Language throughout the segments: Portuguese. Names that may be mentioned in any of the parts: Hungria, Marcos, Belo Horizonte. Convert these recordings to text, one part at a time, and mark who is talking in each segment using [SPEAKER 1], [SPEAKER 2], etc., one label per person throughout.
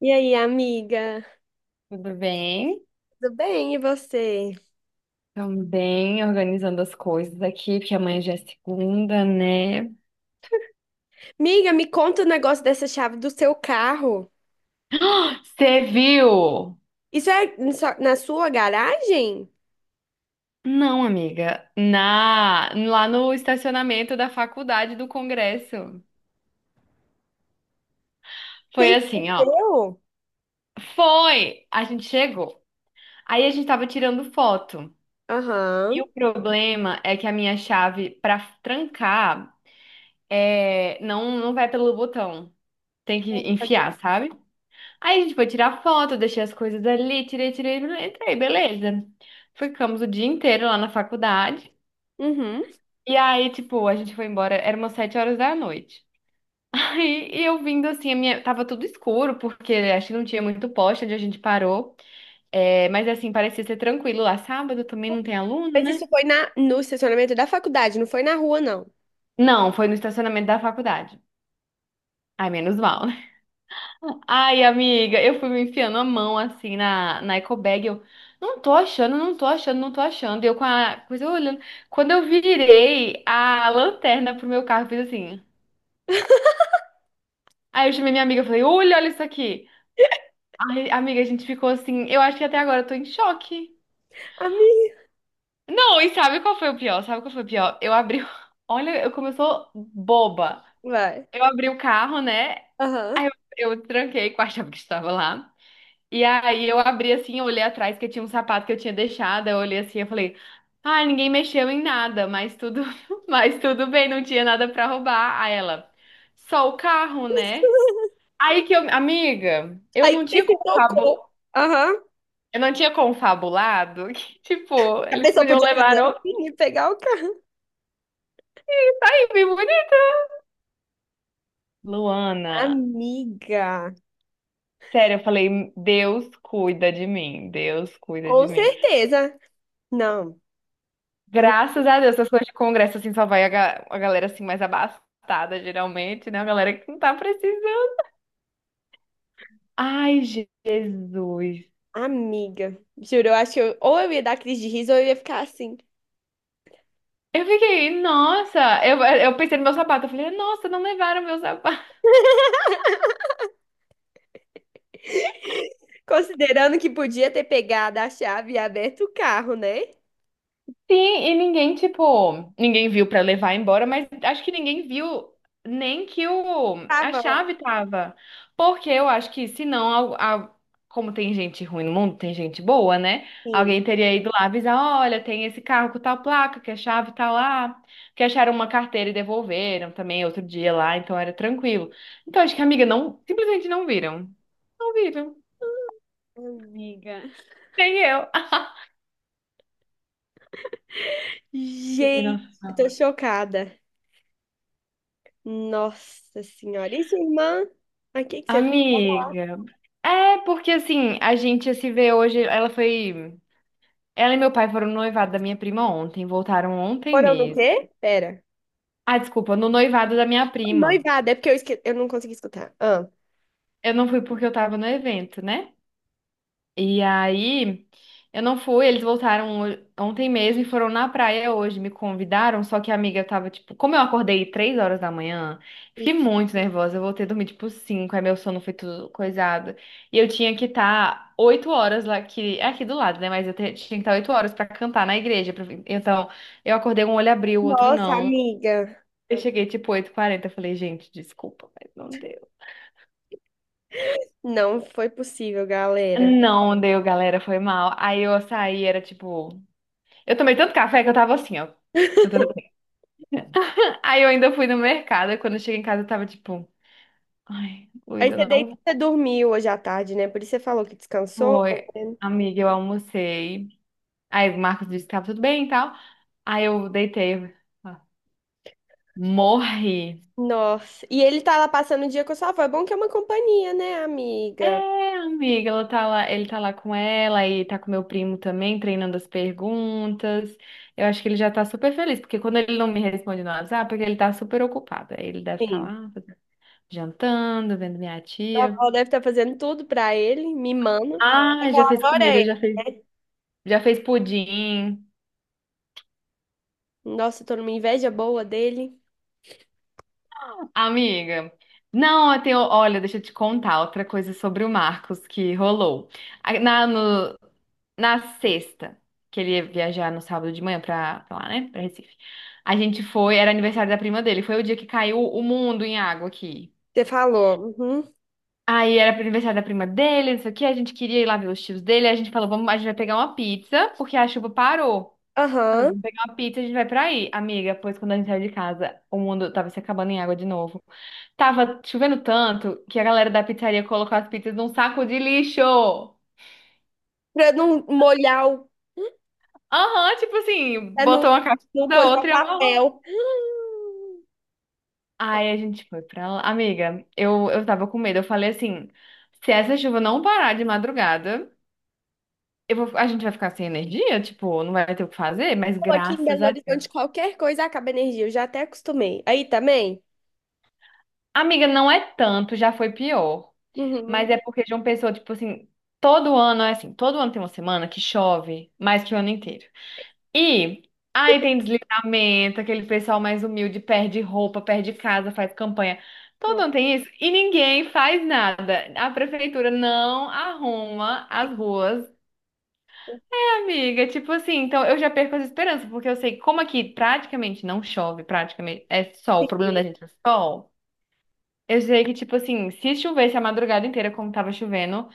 [SPEAKER 1] E aí, amiga?
[SPEAKER 2] Tudo bem?
[SPEAKER 1] Tudo bem, e você?
[SPEAKER 2] Também organizando as coisas aqui, porque amanhã já é segunda, né?
[SPEAKER 1] Amiga, me conta o negócio dessa chave do seu carro.
[SPEAKER 2] Você viu?
[SPEAKER 1] Isso é na sua garagem?
[SPEAKER 2] Não, amiga. Lá no estacionamento da faculdade do Congresso. Foi
[SPEAKER 1] Sim, é
[SPEAKER 2] assim, ó.
[SPEAKER 1] seu?
[SPEAKER 2] Foi! A gente chegou. Aí a gente tava tirando foto. E
[SPEAKER 1] Aham.
[SPEAKER 2] o problema é que a minha chave pra trancar não, não vai pelo botão. Tem que enfiar, sabe? Aí a gente foi tirar foto, eu deixei as coisas ali, tirei, tirei, entrei, beleza. Ficamos o dia inteiro lá na faculdade.
[SPEAKER 1] Uhum.
[SPEAKER 2] E aí, tipo, a gente foi embora, era umas 7 horas da noite. Aí e eu vindo assim, tava tudo escuro, porque acho que não tinha muito poste onde a gente parou. É, mas assim, parecia ser tranquilo lá. Sábado também não tem aluno,
[SPEAKER 1] Mas
[SPEAKER 2] né?
[SPEAKER 1] isso foi na, no estacionamento da faculdade, não foi na rua, não.
[SPEAKER 2] Não, foi no estacionamento da faculdade. Ai, menos mal. Ai, amiga, eu fui me enfiando a mão assim na eco bag. Eu não tô achando, não tô achando, não tô achando. Eu com a coisa olhando. Quando eu virei a lanterna pro meu carro, eu fiz assim. Aí eu chamei minha amiga e falei: Olha, olha isso aqui. Ai, amiga, a gente ficou assim. Eu acho que até agora eu tô em choque.
[SPEAKER 1] Amiga,
[SPEAKER 2] Não, e sabe qual foi o pior? Sabe qual foi o pior? Eu abri. Olha, eu começou boba.
[SPEAKER 1] vai.
[SPEAKER 2] Eu abri o carro, né?
[SPEAKER 1] Aham.
[SPEAKER 2] Eu tranquei com a chave que estava lá. E aí eu abri assim, eu olhei atrás que tinha um sapato que eu tinha deixado, eu olhei assim, eu falei, ah, ninguém mexeu em nada, mas tudo bem, não tinha nada pra roubar. Aí ela, só o carro, né? Aí que eu, amiga,
[SPEAKER 1] Aí você se tocou. Aham.
[SPEAKER 2] eu não tinha confabulado que, tipo,
[SPEAKER 1] A
[SPEAKER 2] eles
[SPEAKER 1] pessoa
[SPEAKER 2] podiam
[SPEAKER 1] podia fazer
[SPEAKER 2] levar o
[SPEAKER 1] assim e pegar o carro.
[SPEAKER 2] bem bonito. Luana,
[SPEAKER 1] Amiga,
[SPEAKER 2] sério, eu falei, Deus cuida de mim, Deus cuida
[SPEAKER 1] com
[SPEAKER 2] de mim.
[SPEAKER 1] certeza. Não.
[SPEAKER 2] Graças a Deus, essas coisas de congresso, assim, só vai a galera, assim, mais abastada, geralmente, né? A galera que não tá precisando. Ai, Jesus.
[SPEAKER 1] Amiga, juro, eu acho que ou eu ia dar crise de riso ou eu ia ficar assim.
[SPEAKER 2] Eu fiquei, nossa, eu pensei no meu sapato, eu falei, nossa, não levaram meu sapato.
[SPEAKER 1] Considerando que podia ter pegado a chave e aberto o carro, né?
[SPEAKER 2] Sim, e ninguém, tipo, ninguém viu pra levar embora, mas acho que ninguém viu nem que a
[SPEAKER 1] Tava lá.
[SPEAKER 2] chave tava. Porque eu acho que se não, como tem gente ruim no mundo, tem gente boa, né?
[SPEAKER 1] Sim.
[SPEAKER 2] Alguém teria ido lá avisar, olha, tem esse carro com tal placa, que a chave tá lá. Que acharam uma carteira e devolveram também outro dia lá, então era tranquilo. Então acho que a amiga não, simplesmente não viram. Não viram.
[SPEAKER 1] Amiga.
[SPEAKER 2] Nem eu. Eu falei,
[SPEAKER 1] Gente, eu
[SPEAKER 2] nossa,
[SPEAKER 1] tô chocada. Nossa senhora. E sua irmã? Aqui que você
[SPEAKER 2] amiga. É, porque assim, a gente se vê hoje, ela foi. Ela e meu pai foram no noivado da minha prima ontem, voltaram ontem
[SPEAKER 1] foram no
[SPEAKER 2] mesmo.
[SPEAKER 1] quê? Pera.
[SPEAKER 2] Ah, desculpa, no noivado da minha prima.
[SPEAKER 1] Noivado, é porque eu, eu não consegui escutar. Ah.
[SPEAKER 2] Eu não fui porque eu tava no evento, né? E aí, eu não fui, eles voltaram ontem mesmo e foram na praia hoje, me convidaram, só que a amiga tava, tipo, como eu acordei 3 horas da manhã, fiquei muito nervosa, eu voltei a dormir, tipo, cinco, aí meu sono foi tudo coisado, e eu tinha que estar 8 horas lá, que é aqui do lado, né, mas eu tinha que estar oito horas pra cantar na igreja, pra- então, eu acordei, um olho abriu, o outro
[SPEAKER 1] Nossa,
[SPEAKER 2] não,
[SPEAKER 1] amiga.
[SPEAKER 2] eu cheguei, tipo, oito h 40 eu falei, gente, desculpa, mas não deu.
[SPEAKER 1] Não foi possível, galera.
[SPEAKER 2] Não deu, galera, foi mal. Aí eu saí, era tipo. Eu tomei tanto café que eu tava assim, ó, cantando assim. Aí eu ainda fui no mercado, e quando eu cheguei em casa eu tava tipo, ai,
[SPEAKER 1] Aí
[SPEAKER 2] Luísa,
[SPEAKER 1] você deita, e
[SPEAKER 2] não
[SPEAKER 1] você dormiu hoje à tarde, né? Por isso você falou que descansou.
[SPEAKER 2] foi.
[SPEAKER 1] Né?
[SPEAKER 2] Amiga, eu almocei. Aí o Marcos disse que tava tudo bem e tal. Aí eu deitei, ó, morri.
[SPEAKER 1] Nossa. E ele tá lá passando o dia com a sua avó. É bom que é uma companhia, né, amiga?
[SPEAKER 2] É, amiga, ela tá lá, ele tá lá com ela e tá com meu primo também, treinando as perguntas. Eu acho que ele já tá super feliz, porque quando ele não me responde no WhatsApp, é que ele tá super ocupado. Aí ele deve estar
[SPEAKER 1] Sim.
[SPEAKER 2] lá jantando, vendo minha
[SPEAKER 1] Sua
[SPEAKER 2] tia.
[SPEAKER 1] avó deve estar fazendo tudo pra ele, mimando.
[SPEAKER 2] Ah, já fez
[SPEAKER 1] Adorei.
[SPEAKER 2] comida, já fez pudim.
[SPEAKER 1] Nossa, eu tô numa inveja boa dele.
[SPEAKER 2] Amiga, não, eu tenho, olha, deixa eu te contar outra coisa sobre o Marcos que rolou. A- Na, no- Na sexta, que ele ia viajar no sábado de manhã pra lá, né, pra Recife. A gente foi, era aniversário da prima dele, foi o dia que caiu o mundo em água aqui.
[SPEAKER 1] Você falou. Uhum.
[SPEAKER 2] Aí era pro aniversário da prima dele, não sei o que. A gente queria ir lá ver os tios dele, aí a gente falou, vamos, a gente vai pegar uma pizza, porque a chuva parou. Ela, falou,
[SPEAKER 1] Aham.
[SPEAKER 2] vamos pegar uma pizza e a gente vai pra aí, amiga. Pois quando a gente saiu de casa, o mundo tava se acabando em água de novo. Tava chovendo tanto que a galera da pizzaria colocou as pizzas num saco de lixo.
[SPEAKER 1] Pra não molhar o.
[SPEAKER 2] Aham, tipo assim,
[SPEAKER 1] Pra não,
[SPEAKER 2] botou uma caixa
[SPEAKER 1] não
[SPEAKER 2] da
[SPEAKER 1] coisar
[SPEAKER 2] outra e amarrou.
[SPEAKER 1] papel. Hum.
[SPEAKER 2] Aí a gente foi pra lá. Amiga, eu tava com medo. Eu falei assim: se essa chuva não parar de madrugada, a gente vai ficar sem energia, tipo, não vai ter o que fazer, mas
[SPEAKER 1] Pô, aqui em
[SPEAKER 2] graças
[SPEAKER 1] Belo
[SPEAKER 2] a Deus.
[SPEAKER 1] Horizonte, qualquer coisa acaba energia. Eu já até acostumei. Aí também?
[SPEAKER 2] Amiga, não é tanto, já foi pior.
[SPEAKER 1] Uhum.
[SPEAKER 2] Mas é porque João Pessoa, tipo assim, todo ano é assim, todo ano tem uma semana que chove mais que o ano inteiro. E aí tem deslizamento, aquele pessoal mais humilde perde roupa, perde casa, faz campanha. Todo ano tem isso e ninguém faz nada. A prefeitura não arruma as ruas. Amiga, tipo assim, então eu já perco as esperanças, porque eu sei que como aqui praticamente não chove, praticamente é sol, o problema da gente é sol. Eu sei que, tipo assim, se chovesse a madrugada inteira, como tava chovendo,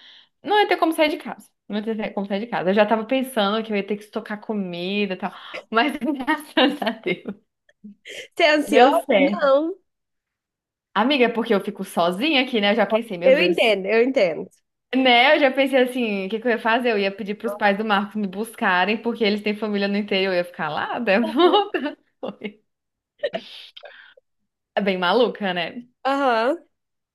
[SPEAKER 2] não ia ter como sair de casa. Não ia ter como sair de casa. Eu já tava pensando que eu ia ter que estocar comida e tal. Mas graças a Deus.
[SPEAKER 1] Você é ansiosa?
[SPEAKER 2] Deu certo.
[SPEAKER 1] Não.
[SPEAKER 2] Amiga, é porque eu fico sozinha aqui, né? Eu já pensei, meu
[SPEAKER 1] Eu
[SPEAKER 2] Deus.
[SPEAKER 1] entendo, eu entendo.
[SPEAKER 2] Né? Eu já pensei assim, o que que eu ia fazer? Eu ia pedir pros pais do Marcos me buscarem, porque eles têm família no interior. Eu ia ficar lá, né?
[SPEAKER 1] Uhum.
[SPEAKER 2] É bem maluca, né?
[SPEAKER 1] Aham.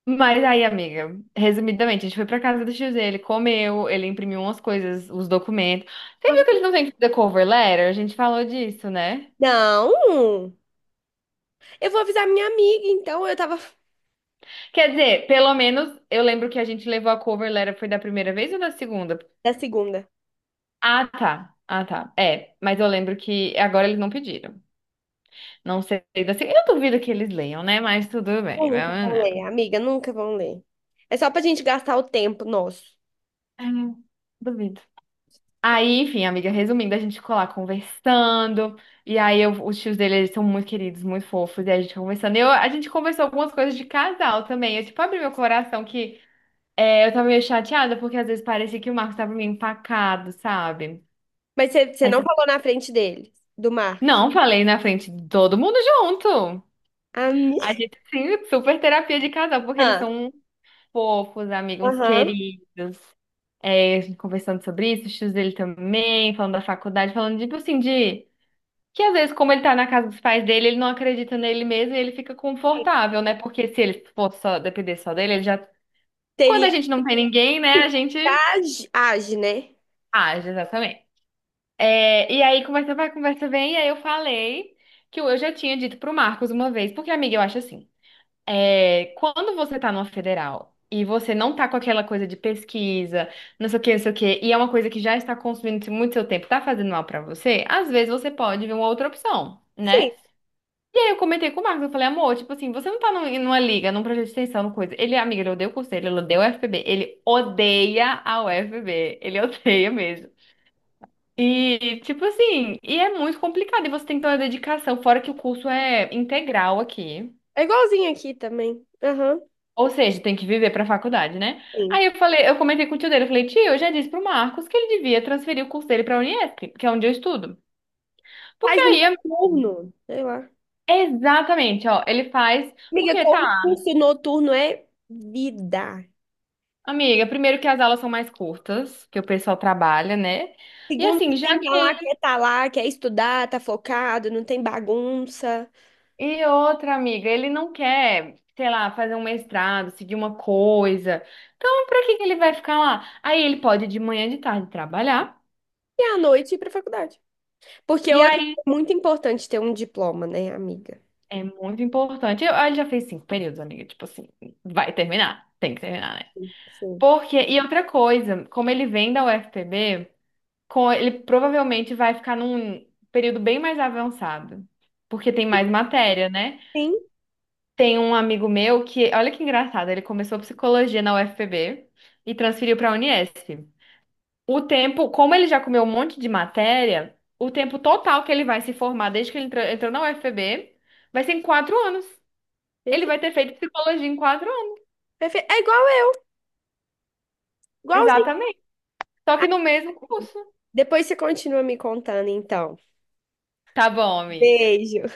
[SPEAKER 2] Mas aí, amiga, resumidamente, a gente foi pra casa do tio Z, ele comeu, ele imprimiu umas coisas, os documentos. Você viu que
[SPEAKER 1] Aham.
[SPEAKER 2] eles não têm que fazer cover letter? A gente falou disso, né?
[SPEAKER 1] Não. Eu vou avisar minha amiga, então. Eu tava.
[SPEAKER 2] Quer dizer, pelo menos eu lembro que a gente levou a cover letter, foi da primeira vez ou da segunda?
[SPEAKER 1] Da segunda.
[SPEAKER 2] Ah, tá. Ah, tá. É, mas eu lembro que agora eles não pediram. Não sei da segunda. Eu duvido que eles leiam, né? Mas tudo bem.
[SPEAKER 1] Nunca
[SPEAKER 2] Vamos
[SPEAKER 1] vão
[SPEAKER 2] lá.
[SPEAKER 1] ler, amiga, nunca vão ler. É só pra gente gastar o tempo nosso.
[SPEAKER 2] Ah, duvido. Aí, enfim, amiga, resumindo, a gente ficou lá conversando, e aí os tios dele, eles são muito queridos, muito fofos, e a gente conversando. Eu, a gente conversou algumas coisas de casal também. Eu, tipo, abri meu coração que eu tava meio chateada, porque às vezes parecia que o Marcos tava meio empacado, sabe?
[SPEAKER 1] Mas você
[SPEAKER 2] Mas,
[SPEAKER 1] não falou na frente dele, do Marcos.
[SPEAKER 2] não, falei na frente de todo mundo junto.
[SPEAKER 1] A
[SPEAKER 2] A
[SPEAKER 1] minha.
[SPEAKER 2] gente, sim, super terapia de casal, porque eles são uns fofos, amigos uns
[SPEAKER 1] Aham.
[SPEAKER 2] queridos. É, a gente conversando sobre isso, os tios dele também, falando da faculdade, falando, tipo assim, de. Que às vezes, como ele tá na casa dos pais dele, ele não acredita nele mesmo e ele fica confortável, né? Porque se ele for só depender só dele, ele já. Quando a
[SPEAKER 1] Teria.
[SPEAKER 2] gente não tem ninguém, né? A gente
[SPEAKER 1] Age, age, né?
[SPEAKER 2] age, exatamente. É, e aí, conversa vai, conversa vem, e aí eu falei que eu já tinha dito pro Marcos uma vez, porque, amiga, eu acho assim, quando você tá numa federal e você não tá com aquela coisa de pesquisa, não sei o que, não sei o que, e é uma coisa que já está consumindo muito seu tempo, tá fazendo mal pra você, às vezes você pode ver uma outra opção,
[SPEAKER 1] Sim.
[SPEAKER 2] né? E aí eu comentei com o Marcos, eu falei, amor, tipo assim, você não tá numa liga, num projeto de extensão, numa coisa. Ele, amiga, ele odeia o curso dele, ele odeia o UFPB, ele odeia a UFPB, ele odeia mesmo. E, tipo assim, e é muito complicado, e você tem que ter uma dedicação, fora que o curso é integral aqui.
[SPEAKER 1] É igualzinho aqui também. Aham.
[SPEAKER 2] Ou seja, tem que viver pra faculdade, né?
[SPEAKER 1] Sim.
[SPEAKER 2] Aí eu falei, eu comentei com o tio dele, eu falei, tio, eu já disse pro Marcos que ele devia transferir o curso dele pra Unesp que é onde eu estudo. Porque
[SPEAKER 1] Faz no
[SPEAKER 2] aí,
[SPEAKER 1] noturno. Sei lá.
[SPEAKER 2] exatamente, ó, ele faz.
[SPEAKER 1] Amiga,
[SPEAKER 2] Porque, tá,
[SPEAKER 1] concurso noturno é vida.
[SPEAKER 2] amiga, primeiro que as aulas são mais curtas, que o pessoal trabalha, né? E
[SPEAKER 1] Segundo
[SPEAKER 2] assim,
[SPEAKER 1] que quem
[SPEAKER 2] já
[SPEAKER 1] que
[SPEAKER 2] que
[SPEAKER 1] lá,
[SPEAKER 2] ele...
[SPEAKER 1] quer tá lá, quer estudar, tá focado, não tem bagunça.
[SPEAKER 2] E outra, amiga, ele não quer, sei lá, fazer um mestrado, seguir uma coisa. Então, pra que que ele vai ficar lá? Aí ele pode ir de manhã e de tarde trabalhar.
[SPEAKER 1] E à noite ir pra faculdade. Porque
[SPEAKER 2] E
[SPEAKER 1] hoje
[SPEAKER 2] aí
[SPEAKER 1] é muito importante ter um diploma, né, amiga?
[SPEAKER 2] é muito importante. Eu, ele já fez 5 períodos, amiga. Tipo assim, vai terminar. Tem que terminar, né?
[SPEAKER 1] Sim.
[SPEAKER 2] Porque, e outra coisa, como ele vem da UFPB, com, ele provavelmente vai ficar num período bem mais avançado. Porque tem
[SPEAKER 1] Sim,
[SPEAKER 2] mais matéria, né?
[SPEAKER 1] sim.
[SPEAKER 2] Tem um amigo meu que, olha que engraçado, ele começou psicologia na UFPB e transferiu para a Unesp. O tempo, como ele já comeu um monte de matéria, o tempo total que ele vai se formar desde que ele entrou, entrou na UFPB vai ser em 4 anos. Ele
[SPEAKER 1] Perfeito.
[SPEAKER 2] vai ter feito psicologia em 4 anos.
[SPEAKER 1] Perfeito. É igual eu, igualzinho.
[SPEAKER 2] Exatamente. Só que no mesmo curso.
[SPEAKER 1] Depois você continua me contando, então.
[SPEAKER 2] Tá bom, amiga.
[SPEAKER 1] Beijo.